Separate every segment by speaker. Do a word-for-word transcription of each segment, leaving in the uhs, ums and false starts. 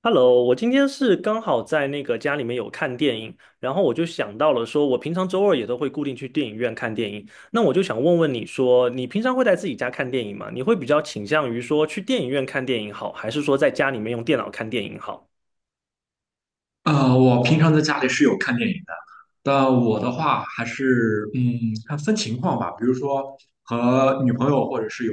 Speaker 1: Hello，我今天是刚好在那个家里面有看电影，然后我就想到了说，我平常周二也都会固定去电影院看电影。那我就想问问你说，你平常会在自己家看电影吗？你会比较倾向于说去电影院看电影好，还是说在家里面用电脑看电影好？
Speaker 2: 呃，我平常在家里是有看电影的，但我的话还是嗯，看分情况吧。比如说和女朋友，或者是有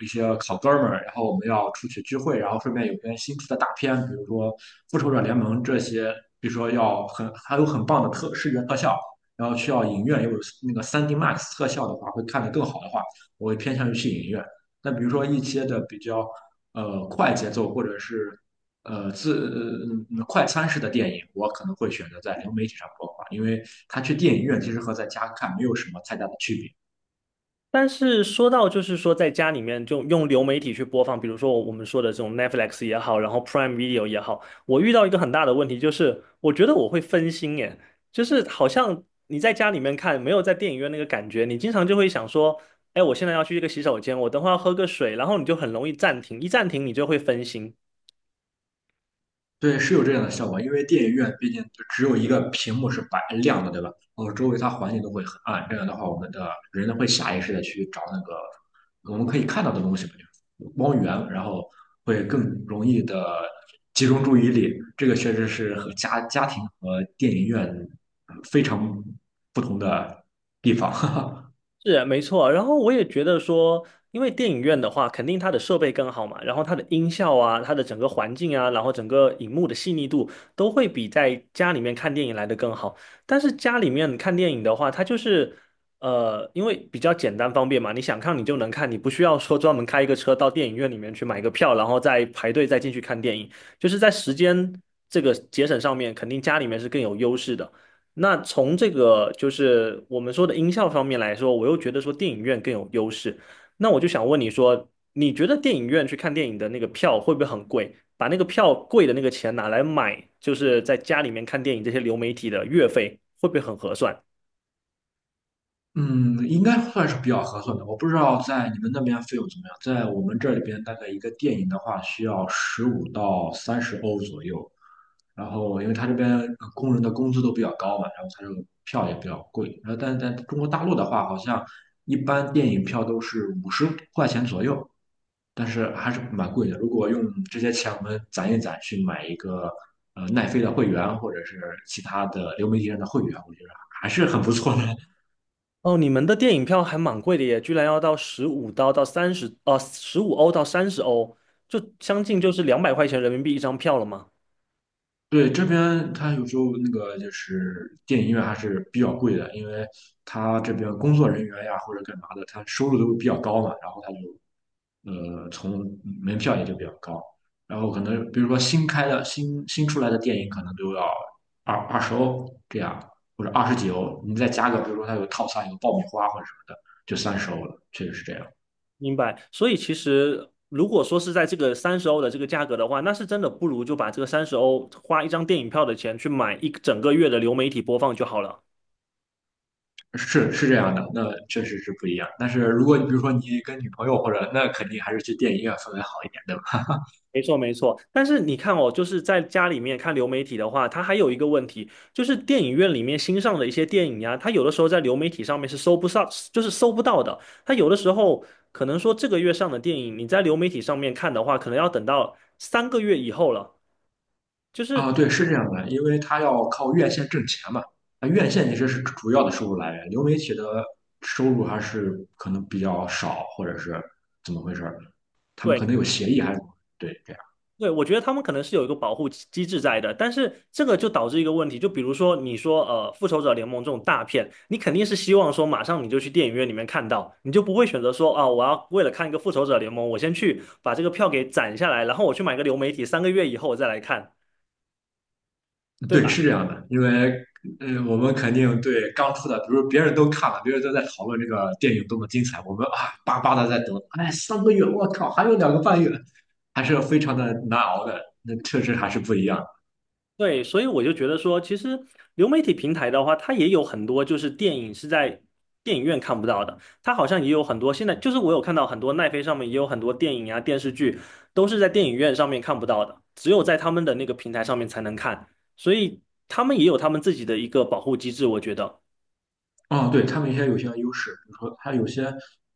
Speaker 2: 一些好哥们儿，然后我们要出去聚会，然后顺便有些新出的大片，比如说《复仇者联盟》这些，比如说要很还有很棒的特视觉特效，然后需要影院有那个三 d Max 特效的话，会看得更好的话，我会偏向于去影院。但比如说一些的比较呃快节奏或者是呃自呃快餐式的电影，我可能会选择在流媒体上播放，因为他去电影院其实和在家看没有什么太大的区别。
Speaker 1: 但是说到就是说，在家里面就用流媒体去播放，比如说我们说的这种 Netflix 也好，然后 Prime Video 也好，我遇到一个很大的问题，就是我觉得我会分心耶，就是好像你在家里面看，没有在电影院那个感觉，你经常就会想说，哎，我现在要去一个洗手间，我等会儿要喝个水，然后你就很容易暂停，一暂停你就会分心。
Speaker 2: 对，是有这样的效果，因为电影院毕竟就只有一个屏幕是白亮的，对吧？然后周围它环境都会很暗，这样的话，我们的人呢会下意识的去找那个我们可以看到的东西嘛，就是光源，然后会更容易的集中注意力。这个确实是和家家庭和电影院呃非常不同的地方。
Speaker 1: 是没错，然后我也觉得说，因为电影院的话，肯定它的设备更好嘛，然后它的音效啊，它的整个环境啊，然后整个荧幕的细腻度都会比在家里面看电影来的更好。但是家里面看电影的话，它就是呃，因为比较简单方便嘛，你想看你就能看，你不需要说专门开一个车到电影院里面去买个票，然后再排队再进去看电影，就是在时间这个节省上面，肯定家里面是更有优势的。那从这个就是我们说的音效方面来说，我又觉得说电影院更有优势。那我就想问你说，你觉得电影院去看电影的那个票会不会很贵？把那个票贵的那个钱拿来买，就是在家里面看电影这些流媒体的月费，会不会很合算？
Speaker 2: 嗯，应该算是比较合算的。我不知道在你们那边费用怎么样，在我们这里边大概一个电影的话需要十五到三十欧左右。然后，因为他这边呃工人的工资都比较高嘛，然后他这个票也比较贵。然后，但是在中国大陆的话，好像一般电影票都是五十块钱左右，但是还是蛮贵的。如果用这些钱我们攒一攒去买一个呃奈飞的会员，或者是其他的流媒体上的会员，我觉得还是很不错的。
Speaker 1: 哦，你们的电影票还蛮贵的耶，居然要到十五刀到三十，呃，十五欧到三十欧，就将近就是两百块钱人民币一张票了吗？
Speaker 2: 对，这边它有时候那个就是电影院还是比较贵的，因为它这边工作人员呀或者干嘛的，他收入都比较高嘛，然后他就呃从门票也就比较高，然后可能比如说新开的新新出来的电影可能都要二二十欧这样，或者二十几欧，你再加个比如说它有套餐有爆米花或者什么的，就三十欧了，确实是这样，
Speaker 1: 明白，所以其实如果说是在这个三十欧的这个价格的话，那是真的不如就把这个三十欧花一张电影票的钱去买一整个月的流媒体播放就好了。
Speaker 2: 是是这样的，那确实是不一样。但是如果你比如说你跟女朋友或者那肯定还是去电影院氛围好一点，对吧？
Speaker 1: 没错，没错。但是你看哦，就是在家里面看流媒体的话，它还有一个问题，就是电影院里面新上的一些电影呀，它有的时候在流媒体上面是搜不上，就是搜不到的。它有的时候可能说这个月上的电影，你在流媒体上面看的话，可能要等到三个月以后了。就是
Speaker 2: 啊，对，是这样的，因为他要靠院线挣钱嘛。那院线其实是主要的收入来源，流媒体的收入还是可能比较少，或者是怎么回事儿？他们可
Speaker 1: 对，
Speaker 2: 能有协议还是怎么对，这样，
Speaker 1: 对，我觉得他们可能是有一个保护机机制在的，但是这个就导致一个问题，就比如说你说呃《复仇者联盟》这种大片，你肯定是希望说马上你就去电影院里面看到，你就不会选择说啊我要为了看一个《复仇者联盟》，我先去把这个票给攒下来，然后我去买个流媒体，三个月以后我再来看。对
Speaker 2: 对，
Speaker 1: 吧？
Speaker 2: 是这样的，因为嗯，我们肯定对刚出的，比如别人都看了，别人都在讨论这个电影多么精彩，我们啊巴巴的在等，哎，三个月，我靠，还有两个半月，还是非常的难熬的，那确实还是不一样。
Speaker 1: 对，所以我就觉得说，其实流媒体平台的话，它也有很多就是电影是在电影院看不到的，它好像也有很多现在就是我有看到很多奈飞上面也有很多电影啊电视剧都是在电影院上面看不到的，只有在他们的那个平台上面才能看，所以他们也有他们自己的一个保护机制，我觉得。
Speaker 2: 啊，对，他们一些有些优势，比如说他有些，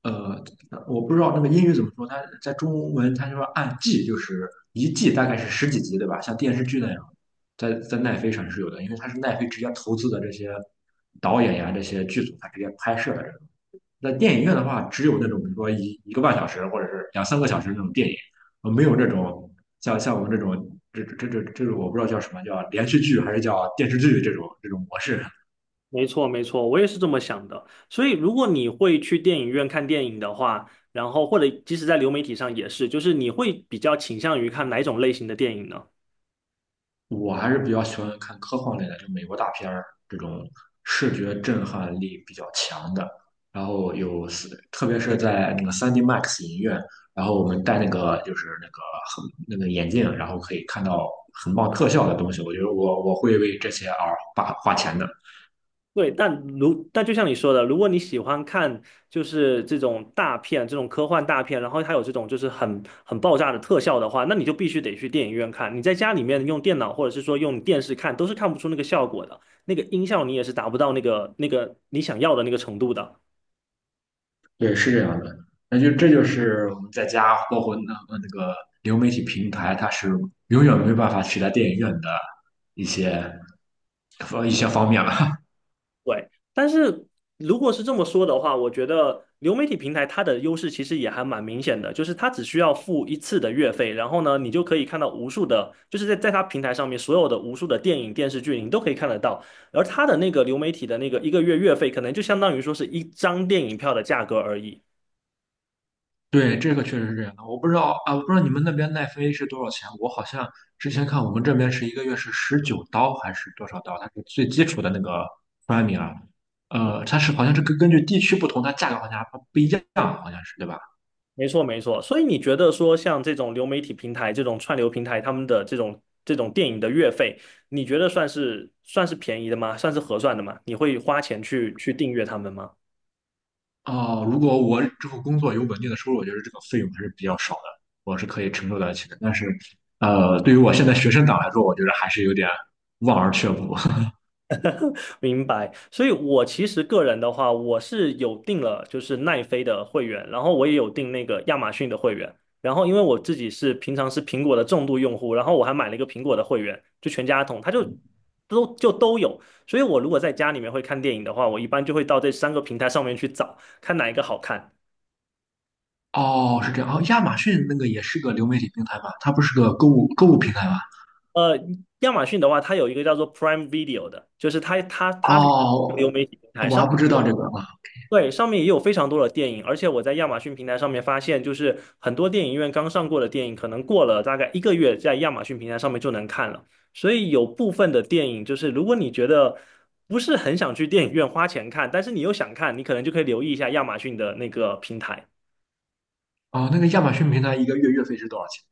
Speaker 2: 呃，我不知道那个英语怎么说，它在中文它就说按季，就是一季大概是十几集，对吧？像电视剧那样，在在奈飞上是有的，因为它是奈飞直接投资的这些导演呀、这些剧组，它直接拍摄的这种。在电影院的话，只有那种比如说一一个半小时或者是两三个小时那种电影，呃，没有这种像像我们这种这这这这这种我不知道叫什么叫连续剧还是叫电视剧这种这种模式。
Speaker 1: 没错，没错，我也是这么想的。所以如果你会去电影院看电影的话，然后或者即使在流媒体上也是，就是你会比较倾向于看哪种类型的电影呢？
Speaker 2: 我还是比较喜欢看科幻类的，就美国大片儿这种视觉震撼力比较强的。然后有四，特别是在那个三 d Max 影院，然后我们戴那个就是那个很那个眼镜，然后可以看到很棒特效的东西。我觉得我我会为这些而花花钱的。
Speaker 1: 对，但如但就像你说的，如果你喜欢看就是这种大片、这种科幻大片，然后它有这种就是很很爆炸的特效的话，那你就必须得去电影院看。你在家里面用电脑或者是说用电视看，都是看不出那个效果的，那个音效你也是达不到那个那个你想要的那个程度的。
Speaker 2: 对，是这样的。那就这就是我们在家，包括那那个流媒体平台，它是永远没办法取代电影院的一些一些方面了。
Speaker 1: 对，但是如果是这么说的话，我觉得流媒体平台它的优势其实也还蛮明显的，就是它只需要付一次的月费，然后呢，你就可以看到无数的，就是在在它平台上面所有的无数的电影、电视剧，你都可以看得到。而它的那个流媒体的那个一个月月费，可能就相当于说是一张电影票的价格而已。
Speaker 2: 对，这个确实是这样的。我不知道啊，我不知道你们那边奈飞是多少钱。我好像之前看我们这边是一个月是十九刀还是多少刀，它是最基础的那个 p r 啊。呃，它是好像是根根据地区不同，它价格好像还不不一样，好像是对吧？
Speaker 1: 没错，没错。所以你觉得说，像这种流媒体平台、这种串流平台，他们的这种这种电影的月费，你觉得算是算是便宜的吗？算是合算的吗？你会花钱去去订阅他们吗？
Speaker 2: 哦，如果我之后工作有稳定的收入，我觉得这个费用还是比较少的，我是可以承受得起的。但是，呃，对于我现在学生党来说，我觉得还是有点望而却步。
Speaker 1: 明白，所以我其实个人的话，我是有订了就是奈飞的会员，然后我也有订那个亚马逊的会员，然后因为我自己是平常是苹果的重度用户，然后我还买了一个苹果的会员，就全家桶，它就都就都有，所以我如果在家里面会看电影的话，我一般就会到这三个平台上面去找，看哪一个好看。
Speaker 2: 哦，是这样。哦，亚马逊那个也是个流媒体平台吧？它不是个购物购物平台吗？
Speaker 1: 呃，亚马逊的话，它有一个叫做 Prime Video 的，就是它它它是
Speaker 2: 哦，
Speaker 1: 流媒体平台，
Speaker 2: 哦，我
Speaker 1: 上
Speaker 2: 还不
Speaker 1: 面
Speaker 2: 知
Speaker 1: 也
Speaker 2: 道这
Speaker 1: 有。
Speaker 2: 个啊。
Speaker 1: 对，上面也有非常多的电影，而且我在亚马逊平台上面发现，就是很多电影院刚上过的电影，可能过了大概一个月，在亚马逊平台上面就能看了。所以有部分的电影，就是如果你觉得不是很想去电影院花钱看，但是你又想看，你可能就可以留意一下亚马逊的那个平台。
Speaker 2: 哦，那个亚马逊平台一个月月费是多少钱？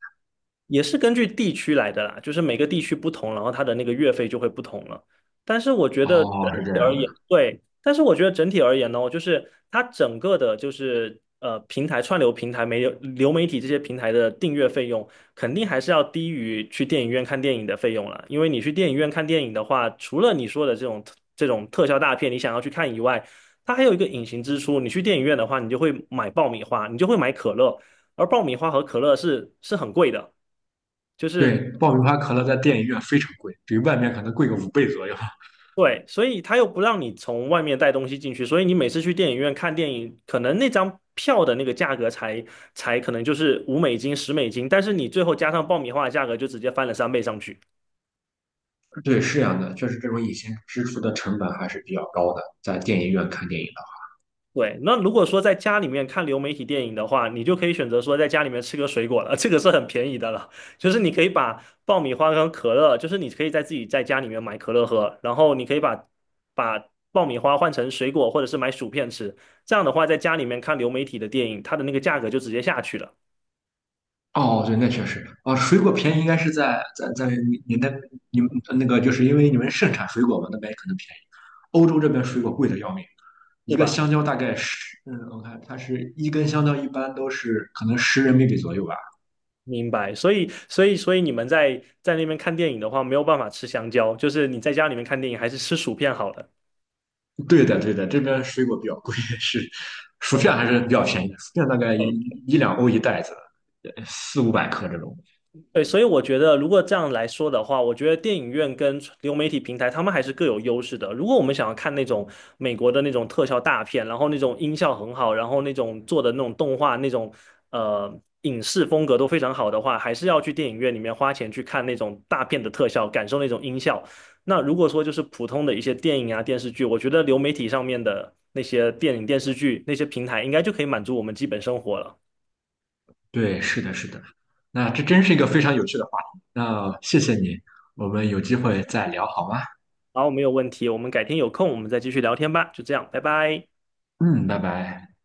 Speaker 1: 也是根据地区来的啦，就是每个地区不同，然后它的那个月费就会不同了。但是我觉得整
Speaker 2: 哦，是这
Speaker 1: 体
Speaker 2: 样
Speaker 1: 而言，
Speaker 2: 的。
Speaker 1: 对，但是我觉得整体而言呢，就是它整个的，就是呃，平台串流平台、媒流媒体这些平台的订阅费用，肯定还是要低于去电影院看电影的费用了。因为你去电影院看电影的话，除了你说的这种这种特效大片，你想要去看以外，它还有一个隐形支出。你去电影院的话，你就会买爆米花，你就会买可乐，而爆米花和可乐是是很贵的。就
Speaker 2: 对，
Speaker 1: 是
Speaker 2: 爆米花可乐在电影院非常贵，比外面可能贵个五倍左右。
Speaker 1: 对，所以他又不让你从外面带东西进去，所以你每次去电影院看电影，可能那张票的那个价格才才可能就是五美金、十美金，但是你最后加上爆米花的价格就直接翻了三倍上去。
Speaker 2: 对，是这样的，确实这种隐形支出的成本还是比较高的，在电影院看电影
Speaker 1: 对，那如果说在家里面看流媒体电影的话，你就可以选择说在家里面吃个水果了，这个是很便宜的了。就是你可以把爆米花跟可乐，就是你可以在自己在家里面买可乐喝，然后你可以把把爆米花换成水果或者是买薯片吃。这样的话，在家里面看流媒体的电影，它的那个价格就直接下去了，
Speaker 2: 的话。哦，对，那确实啊，水果便宜应该是在在在你你那你们那个，就是因为你们盛产水果嘛，那边可能便宜。欧洲这边水果贵的要命，一
Speaker 1: 是
Speaker 2: 个
Speaker 1: 吧？
Speaker 2: 香蕉大概十，嗯，我看它是一根香蕉一般都是可能十人民币左右吧。
Speaker 1: 明白。所以，所以，所以你们在在那边看电影的话，没有办法吃香蕉，就是你在家里面看电影还是吃薯片好没了。
Speaker 2: 对的，对的，这边水果比较贵，是薯片
Speaker 1: 没
Speaker 2: 还是比较便宜的，薯片大概一一两欧一袋子，呃四五百克这种。
Speaker 1: 对，所以我觉得，如果这样来说的话，我觉得电影院跟流媒体平台，他们还是各有优势的。如果我们想要看那种美国的那种特效大片，然后那种音效很好，然后那种做的那种动画那种呃影视风格都非常好的话，还是要去电影院里面花钱去看那种大片的特效，感受那种音效。那如果说就是普通的一些电影啊电视剧，我觉得流媒体上面的那些电影电视剧那些平台，应该就可以满足我们基本生活了。
Speaker 2: 对，是的，是的。那这真是一个非常有趣的话题。那谢谢你，我们有机会再聊好吗？
Speaker 1: 好，没有问题，我们改天有空我们再继续聊天吧，就这样，拜拜。
Speaker 2: 嗯，拜拜。